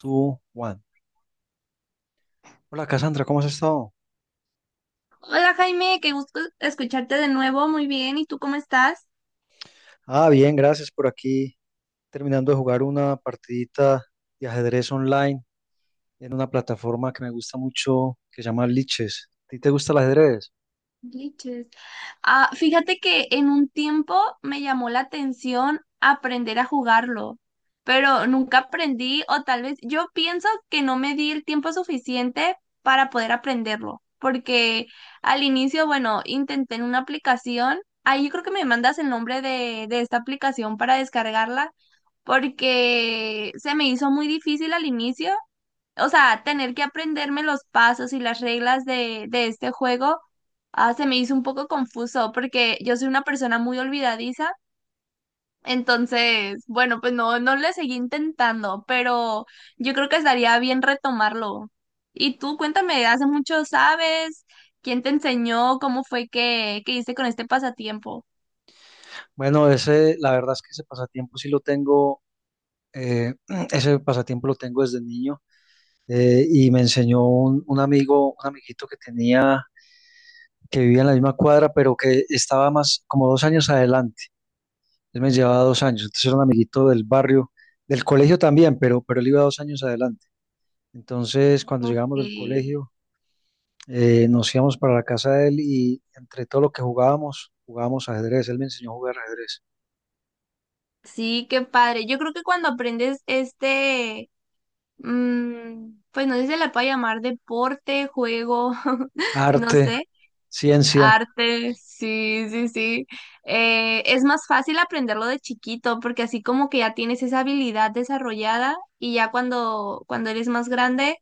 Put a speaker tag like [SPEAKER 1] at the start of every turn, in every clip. [SPEAKER 1] Two, one. Hola Cassandra, ¿cómo has estado?
[SPEAKER 2] Hola Jaime, qué gusto escucharte de nuevo. Muy bien, ¿y tú cómo estás?
[SPEAKER 1] Bien, gracias por aquí. Terminando de jugar una partidita de ajedrez online en una plataforma que me gusta mucho que se llama Liches. ¿A ti te gusta el ajedrez?
[SPEAKER 2] Glitches. Fíjate que en un tiempo me llamó la atención aprender a jugarlo, pero nunca aprendí o tal vez yo pienso que no me di el tiempo suficiente para poder aprenderlo, porque al inicio, bueno, intenté en una aplicación, ahí yo creo que me mandas el nombre de esta aplicación para descargarla, porque se me hizo muy difícil al inicio, o sea, tener que aprenderme los pasos y las reglas de este juego, se me hizo un poco confuso porque yo soy una persona muy olvidadiza. Entonces, bueno, pues no, no le seguí intentando, pero yo creo que estaría bien retomarlo. Y tú, cuéntame, ¿hace mucho sabes? ¿Quién te enseñó? ¿Cómo fue que hiciste con este pasatiempo?
[SPEAKER 1] Bueno, ese, la verdad es que ese pasatiempo sí lo tengo, eh, ese pasatiempo lo tengo desde niño y me enseñó un amigo, un amiguito que tenía, que vivía en la misma cuadra, pero que estaba más como 2 años adelante. Él me llevaba 2 años, entonces era un amiguito del barrio, del colegio también, pero él iba 2 años adelante. Entonces, cuando llegamos del
[SPEAKER 2] Ok.
[SPEAKER 1] colegio, nos íbamos para la casa de él y entre todo lo que jugábamos, jugábamos ajedrez. Él me enseñó a jugar ajedrez,
[SPEAKER 2] Sí, qué padre. Yo creo que cuando aprendes este, mm, pues no sé si se la puede llamar deporte, juego, no
[SPEAKER 1] arte,
[SPEAKER 2] sé.
[SPEAKER 1] ciencia.
[SPEAKER 2] Arte, sí, sí, sí. Es más fácil aprenderlo de chiquito porque así como que ya tienes esa habilidad desarrollada y ya cuando eres más grande,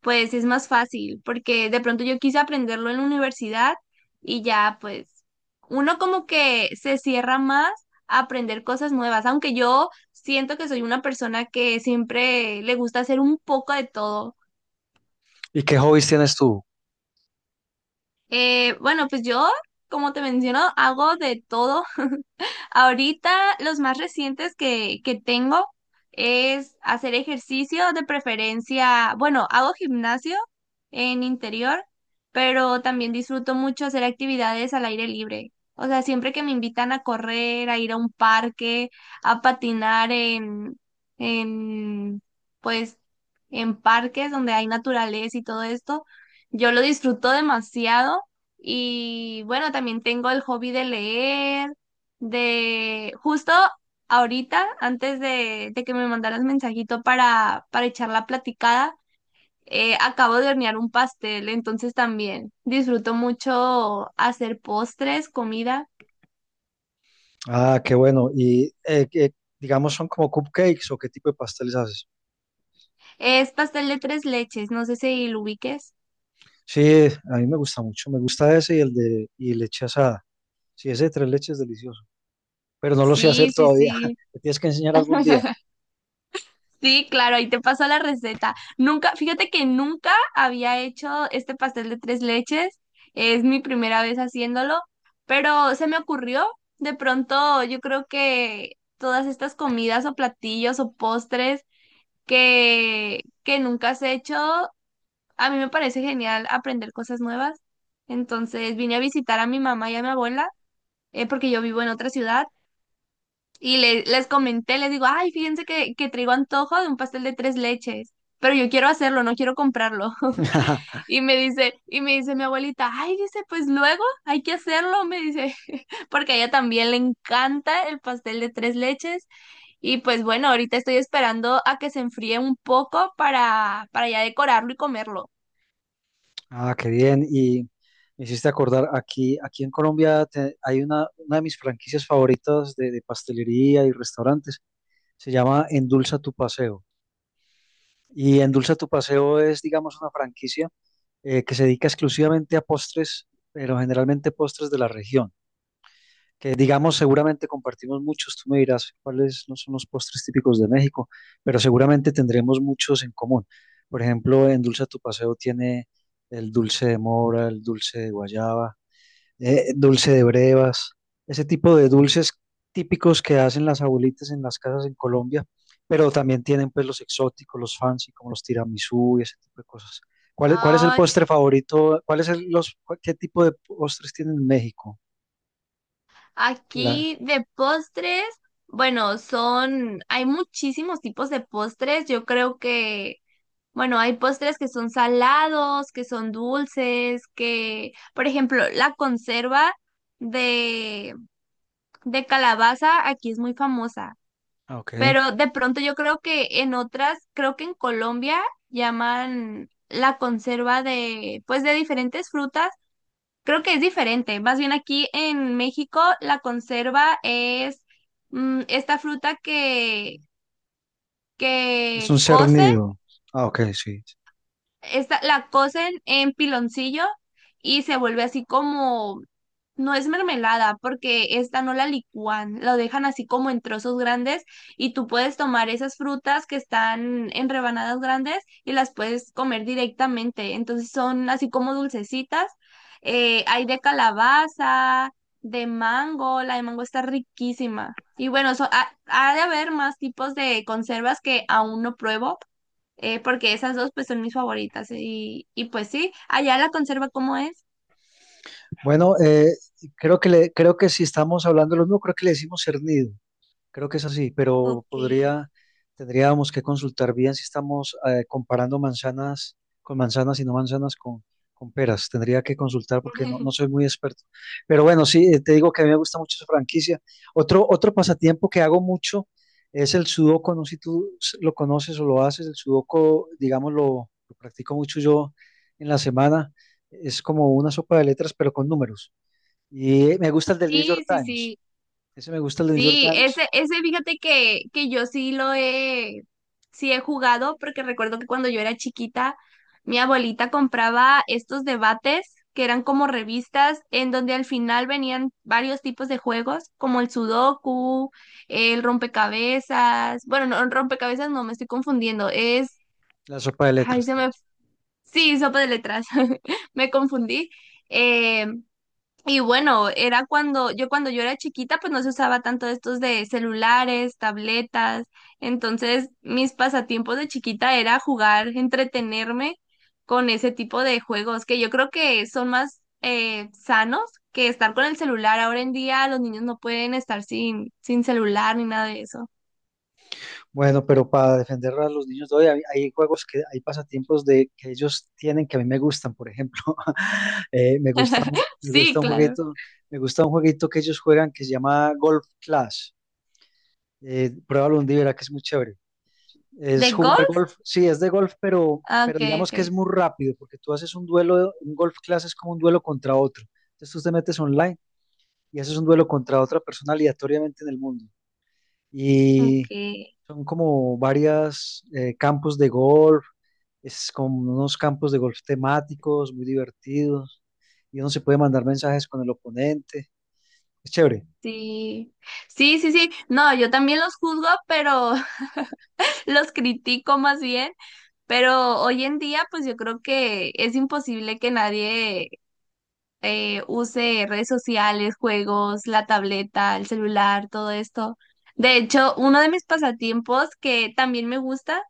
[SPEAKER 2] pues es más fácil porque de pronto yo quise aprenderlo en la universidad y ya, pues uno como que se cierra más a aprender cosas nuevas, aunque yo siento que soy una persona que siempre le gusta hacer un poco de todo.
[SPEAKER 1] ¿Y qué hobbies tienes tú?
[SPEAKER 2] Bueno, pues yo, como te menciono, hago de todo. Ahorita los más recientes que tengo es hacer ejercicio de preferencia, bueno, hago gimnasio en interior, pero también disfruto mucho hacer actividades al aire libre. O sea, siempre que me invitan a correr, a ir a un parque, a patinar en, pues, en parques donde hay naturaleza y todo esto, yo lo disfruto demasiado. Y bueno, también tengo el hobby de leer. De justo ahorita, antes de que me mandaras mensajito para echar la platicada, acabo de hornear un pastel, entonces también disfruto mucho hacer postres, comida.
[SPEAKER 1] Ah, qué bueno. Y digamos, son como cupcakes o qué tipo de pasteles haces.
[SPEAKER 2] Es pastel de tres leches, no sé si lo ubiques.
[SPEAKER 1] Sí, a mí me gusta mucho. Me gusta ese y el de y leche asada. Sí, ese de 3 leches es delicioso, pero no lo sé hacer
[SPEAKER 2] Sí, sí,
[SPEAKER 1] todavía.
[SPEAKER 2] sí.
[SPEAKER 1] Me tienes que enseñar algún día.
[SPEAKER 2] Sí, claro, ahí te paso la receta. Nunca, fíjate que nunca había hecho este pastel de tres leches. Es mi primera vez haciéndolo, pero se me ocurrió. De pronto, yo creo que todas estas comidas o platillos o postres que nunca has hecho, a mí me parece genial aprender cosas nuevas. Entonces vine a visitar a mi mamá y a mi abuela, porque yo vivo en otra ciudad. Y les comenté, les digo, ay, fíjense que traigo antojo de un pastel de tres leches, pero yo quiero hacerlo, no quiero comprarlo. Y me dice mi abuelita, ay, dice, pues luego hay que hacerlo, me dice, porque a ella también le encanta el pastel de tres leches. Y pues bueno, ahorita estoy esperando a que se enfríe un poco para ya decorarlo y comerlo.
[SPEAKER 1] Ah, qué bien. Y me hiciste acordar, aquí en Colombia te- hay una de mis franquicias favoritas de pastelería y restaurantes. Se llama Endulza tu Paseo. Y Endulza tu Paseo es, digamos, una franquicia que se dedica exclusivamente a postres, pero generalmente postres de la región. Que digamos seguramente compartimos muchos, tú me dirás cuáles no son los postres típicos de México, pero seguramente tendremos muchos en común. Por ejemplo, en Dulce a tu Paseo tiene el dulce de mora, el dulce de guayaba, dulce de brevas, ese tipo de dulces típicos que hacen las abuelitas en las casas en Colombia, pero también tienen pues los exóticos, los fancy, como los tiramisú y ese tipo de cosas. ¿Cuál es el
[SPEAKER 2] Ay,
[SPEAKER 1] postre favorito? ¿Cuál es el- los, cuál- ¿Qué tipo de postres tienen en México? La,
[SPEAKER 2] aquí de postres, bueno, son, hay muchísimos tipos de postres. Yo creo que bueno, hay postres que son salados, que son dulces, que, por ejemplo, la conserva de, de calabaza aquí es muy famosa,
[SPEAKER 1] ah, ok.
[SPEAKER 2] pero de pronto yo creo que en otras, creo que en Colombia llaman la conserva de, pues de diferentes frutas, creo que es diferente. Más bien aquí en México la conserva es, mm, esta fruta que,
[SPEAKER 1] Es un
[SPEAKER 2] que cocen
[SPEAKER 1] cernido. Ah, ok, sí.
[SPEAKER 2] esta, la cocen en piloncillo y se vuelve así como, no es mermelada, porque esta no la licúan, lo dejan así como en trozos grandes y tú puedes tomar esas frutas que están en rebanadas grandes y las puedes comer directamente. Entonces son así como dulcecitas. Hay de calabaza, de mango, la de mango está riquísima. Y bueno, so- ha ha de haber más tipos de conservas que aún no pruebo, porque esas dos pues son mis favoritas y pues sí, allá la conserva como es.
[SPEAKER 1] Bueno, creo que si estamos hablando de lo mismo, creo que le decimos cernido. Creo que es así, pero
[SPEAKER 2] Ok.
[SPEAKER 1] podría, tendríamos que consultar bien si estamos comparando manzanas con manzanas y no manzanas con peras. Tendría que consultar porque no, no soy muy experto. Pero bueno, sí, te digo que a mí me gusta mucho esa franquicia. Otro pasatiempo que hago mucho es el sudoku. No sé si tú s- lo conoces o lo haces. El sudoku, digamos, lo practico mucho yo en la semana. Es como una sopa de letras, pero con números. Y me gusta el del New York
[SPEAKER 2] Sí, sí,
[SPEAKER 1] Times.
[SPEAKER 2] sí.
[SPEAKER 1] Ese me gusta el del New York
[SPEAKER 2] Sí,
[SPEAKER 1] Times.
[SPEAKER 2] ese fíjate que yo sí lo he, sí he jugado, porque recuerdo que cuando yo era chiquita, mi abuelita compraba estos debates que eran como revistas en donde al final venían varios tipos de juegos, como el sudoku, el rompecabezas, bueno, no, rompecabezas no, me estoy confundiendo, es,
[SPEAKER 1] La sopa de
[SPEAKER 2] ay,
[SPEAKER 1] letras,
[SPEAKER 2] se
[SPEAKER 1] tal
[SPEAKER 2] me...
[SPEAKER 1] vez.
[SPEAKER 2] Sí, sopa de letras. Me confundí. Eh, y bueno, era cuando yo era chiquita, pues no se usaba tanto estos de celulares, tabletas. Entonces, mis pasatiempos de chiquita era jugar, entretenerme con ese tipo de juegos que yo creo que son más sanos que estar con el celular. Ahora en día los niños no pueden estar sin celular ni nada de eso.
[SPEAKER 1] Bueno, pero para defender a los niños de hoy, hay juegos que, hay pasatiempos de que ellos tienen que a mí me gustan, por ejemplo. Me
[SPEAKER 2] Sí,
[SPEAKER 1] gusta un
[SPEAKER 2] claro.
[SPEAKER 1] jueguito, me gusta un jueguito que ellos juegan que se llama Golf Clash. Pruébalo un día, verá que es muy chévere. Es
[SPEAKER 2] ¿De
[SPEAKER 1] jugar
[SPEAKER 2] golf?
[SPEAKER 1] golf, sí, es de golf,
[SPEAKER 2] Ah,
[SPEAKER 1] pero
[SPEAKER 2] ok,
[SPEAKER 1] digamos que
[SPEAKER 2] ok.
[SPEAKER 1] es muy rápido, porque tú haces un duelo, un golf class es como un duelo contra otro. Entonces tú te metes online y haces un duelo contra otra persona aleatoriamente en el mundo.
[SPEAKER 2] Ok.
[SPEAKER 1] Son como varias campos de golf, es como unos campos de golf temáticos, muy divertidos, y uno se puede mandar mensajes con el oponente. Es chévere,
[SPEAKER 2] Sí, sí, sí, sí. No, yo también los juzgo, pero los critico más bien. Pero hoy en día, pues yo creo que es imposible que nadie use redes sociales, juegos, la tableta, el celular, todo esto. De hecho, uno de mis pasatiempos que también me gusta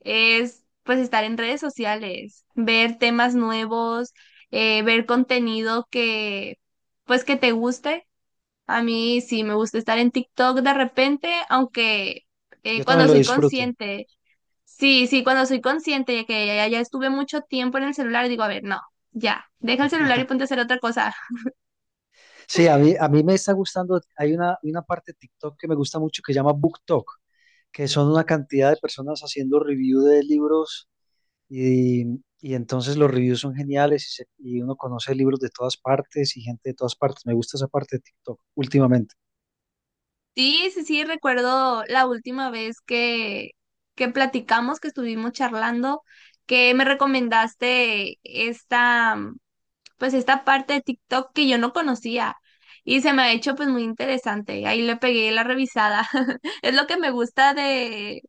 [SPEAKER 2] es pues estar en redes sociales, ver temas nuevos, ver contenido que pues que te guste. A mí sí me gusta estar en TikTok de repente, aunque
[SPEAKER 1] yo también
[SPEAKER 2] cuando
[SPEAKER 1] lo
[SPEAKER 2] soy
[SPEAKER 1] disfruto.
[SPEAKER 2] consciente, sí, sí, cuando soy consciente de que ya, ya estuve mucho tiempo en el celular, digo, a ver, no, ya, deja el celular y ponte a hacer otra cosa.
[SPEAKER 1] Sí, a mí me está gustando, hay una parte de TikTok que me gusta mucho que se llama BookTok, que son una cantidad de personas haciendo review de libros y, y entonces los reviews son geniales y uno conoce libros de todas partes y gente de todas partes. Me gusta esa parte de TikTok últimamente.
[SPEAKER 2] Sí, sí, sí, recuerdo la última vez que platicamos, que estuvimos charlando, que me recomendaste esta, pues esta parte de TikTok que yo no conocía y se me ha hecho pues muy interesante. Ahí le pegué la revisada. Es lo que me gusta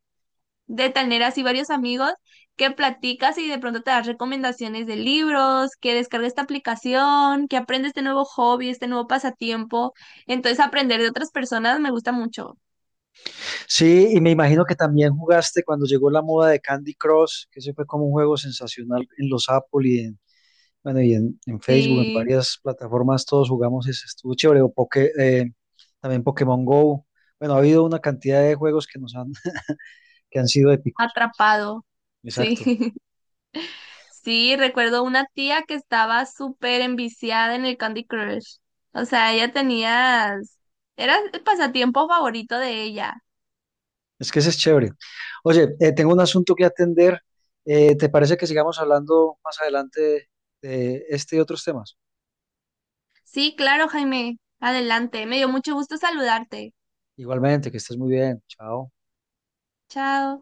[SPEAKER 2] de tener así varios amigos que platicas y de pronto te das recomendaciones de libros, que descargues esta aplicación, que aprendes este nuevo hobby, este nuevo pasatiempo. Entonces aprender de otras personas me gusta mucho.
[SPEAKER 1] Sí, y me imagino que también jugaste cuando llegó la moda de Candy Crush, que ese fue como un juego sensacional en los Apple bueno, y en Facebook, en
[SPEAKER 2] Sí,
[SPEAKER 1] varias plataformas, todos jugamos ese, estuvo chévere, o también Pokémon Go. Bueno, ha habido una cantidad de juegos que nos han, que han sido épicos.
[SPEAKER 2] atrapado. Sí.
[SPEAKER 1] Exacto.
[SPEAKER 2] Sí, recuerdo una tía que estaba súper enviciada en el Candy Crush. O sea, ella tenía... Era el pasatiempo favorito de ella.
[SPEAKER 1] Es que ese es chévere. Oye, tengo un asunto que atender. ¿Te parece que sigamos hablando más adelante de este y otros temas?
[SPEAKER 2] Sí, claro, Jaime. Adelante. Me dio mucho gusto saludarte.
[SPEAKER 1] Igualmente, que estés muy bien. Chao.
[SPEAKER 2] Chao.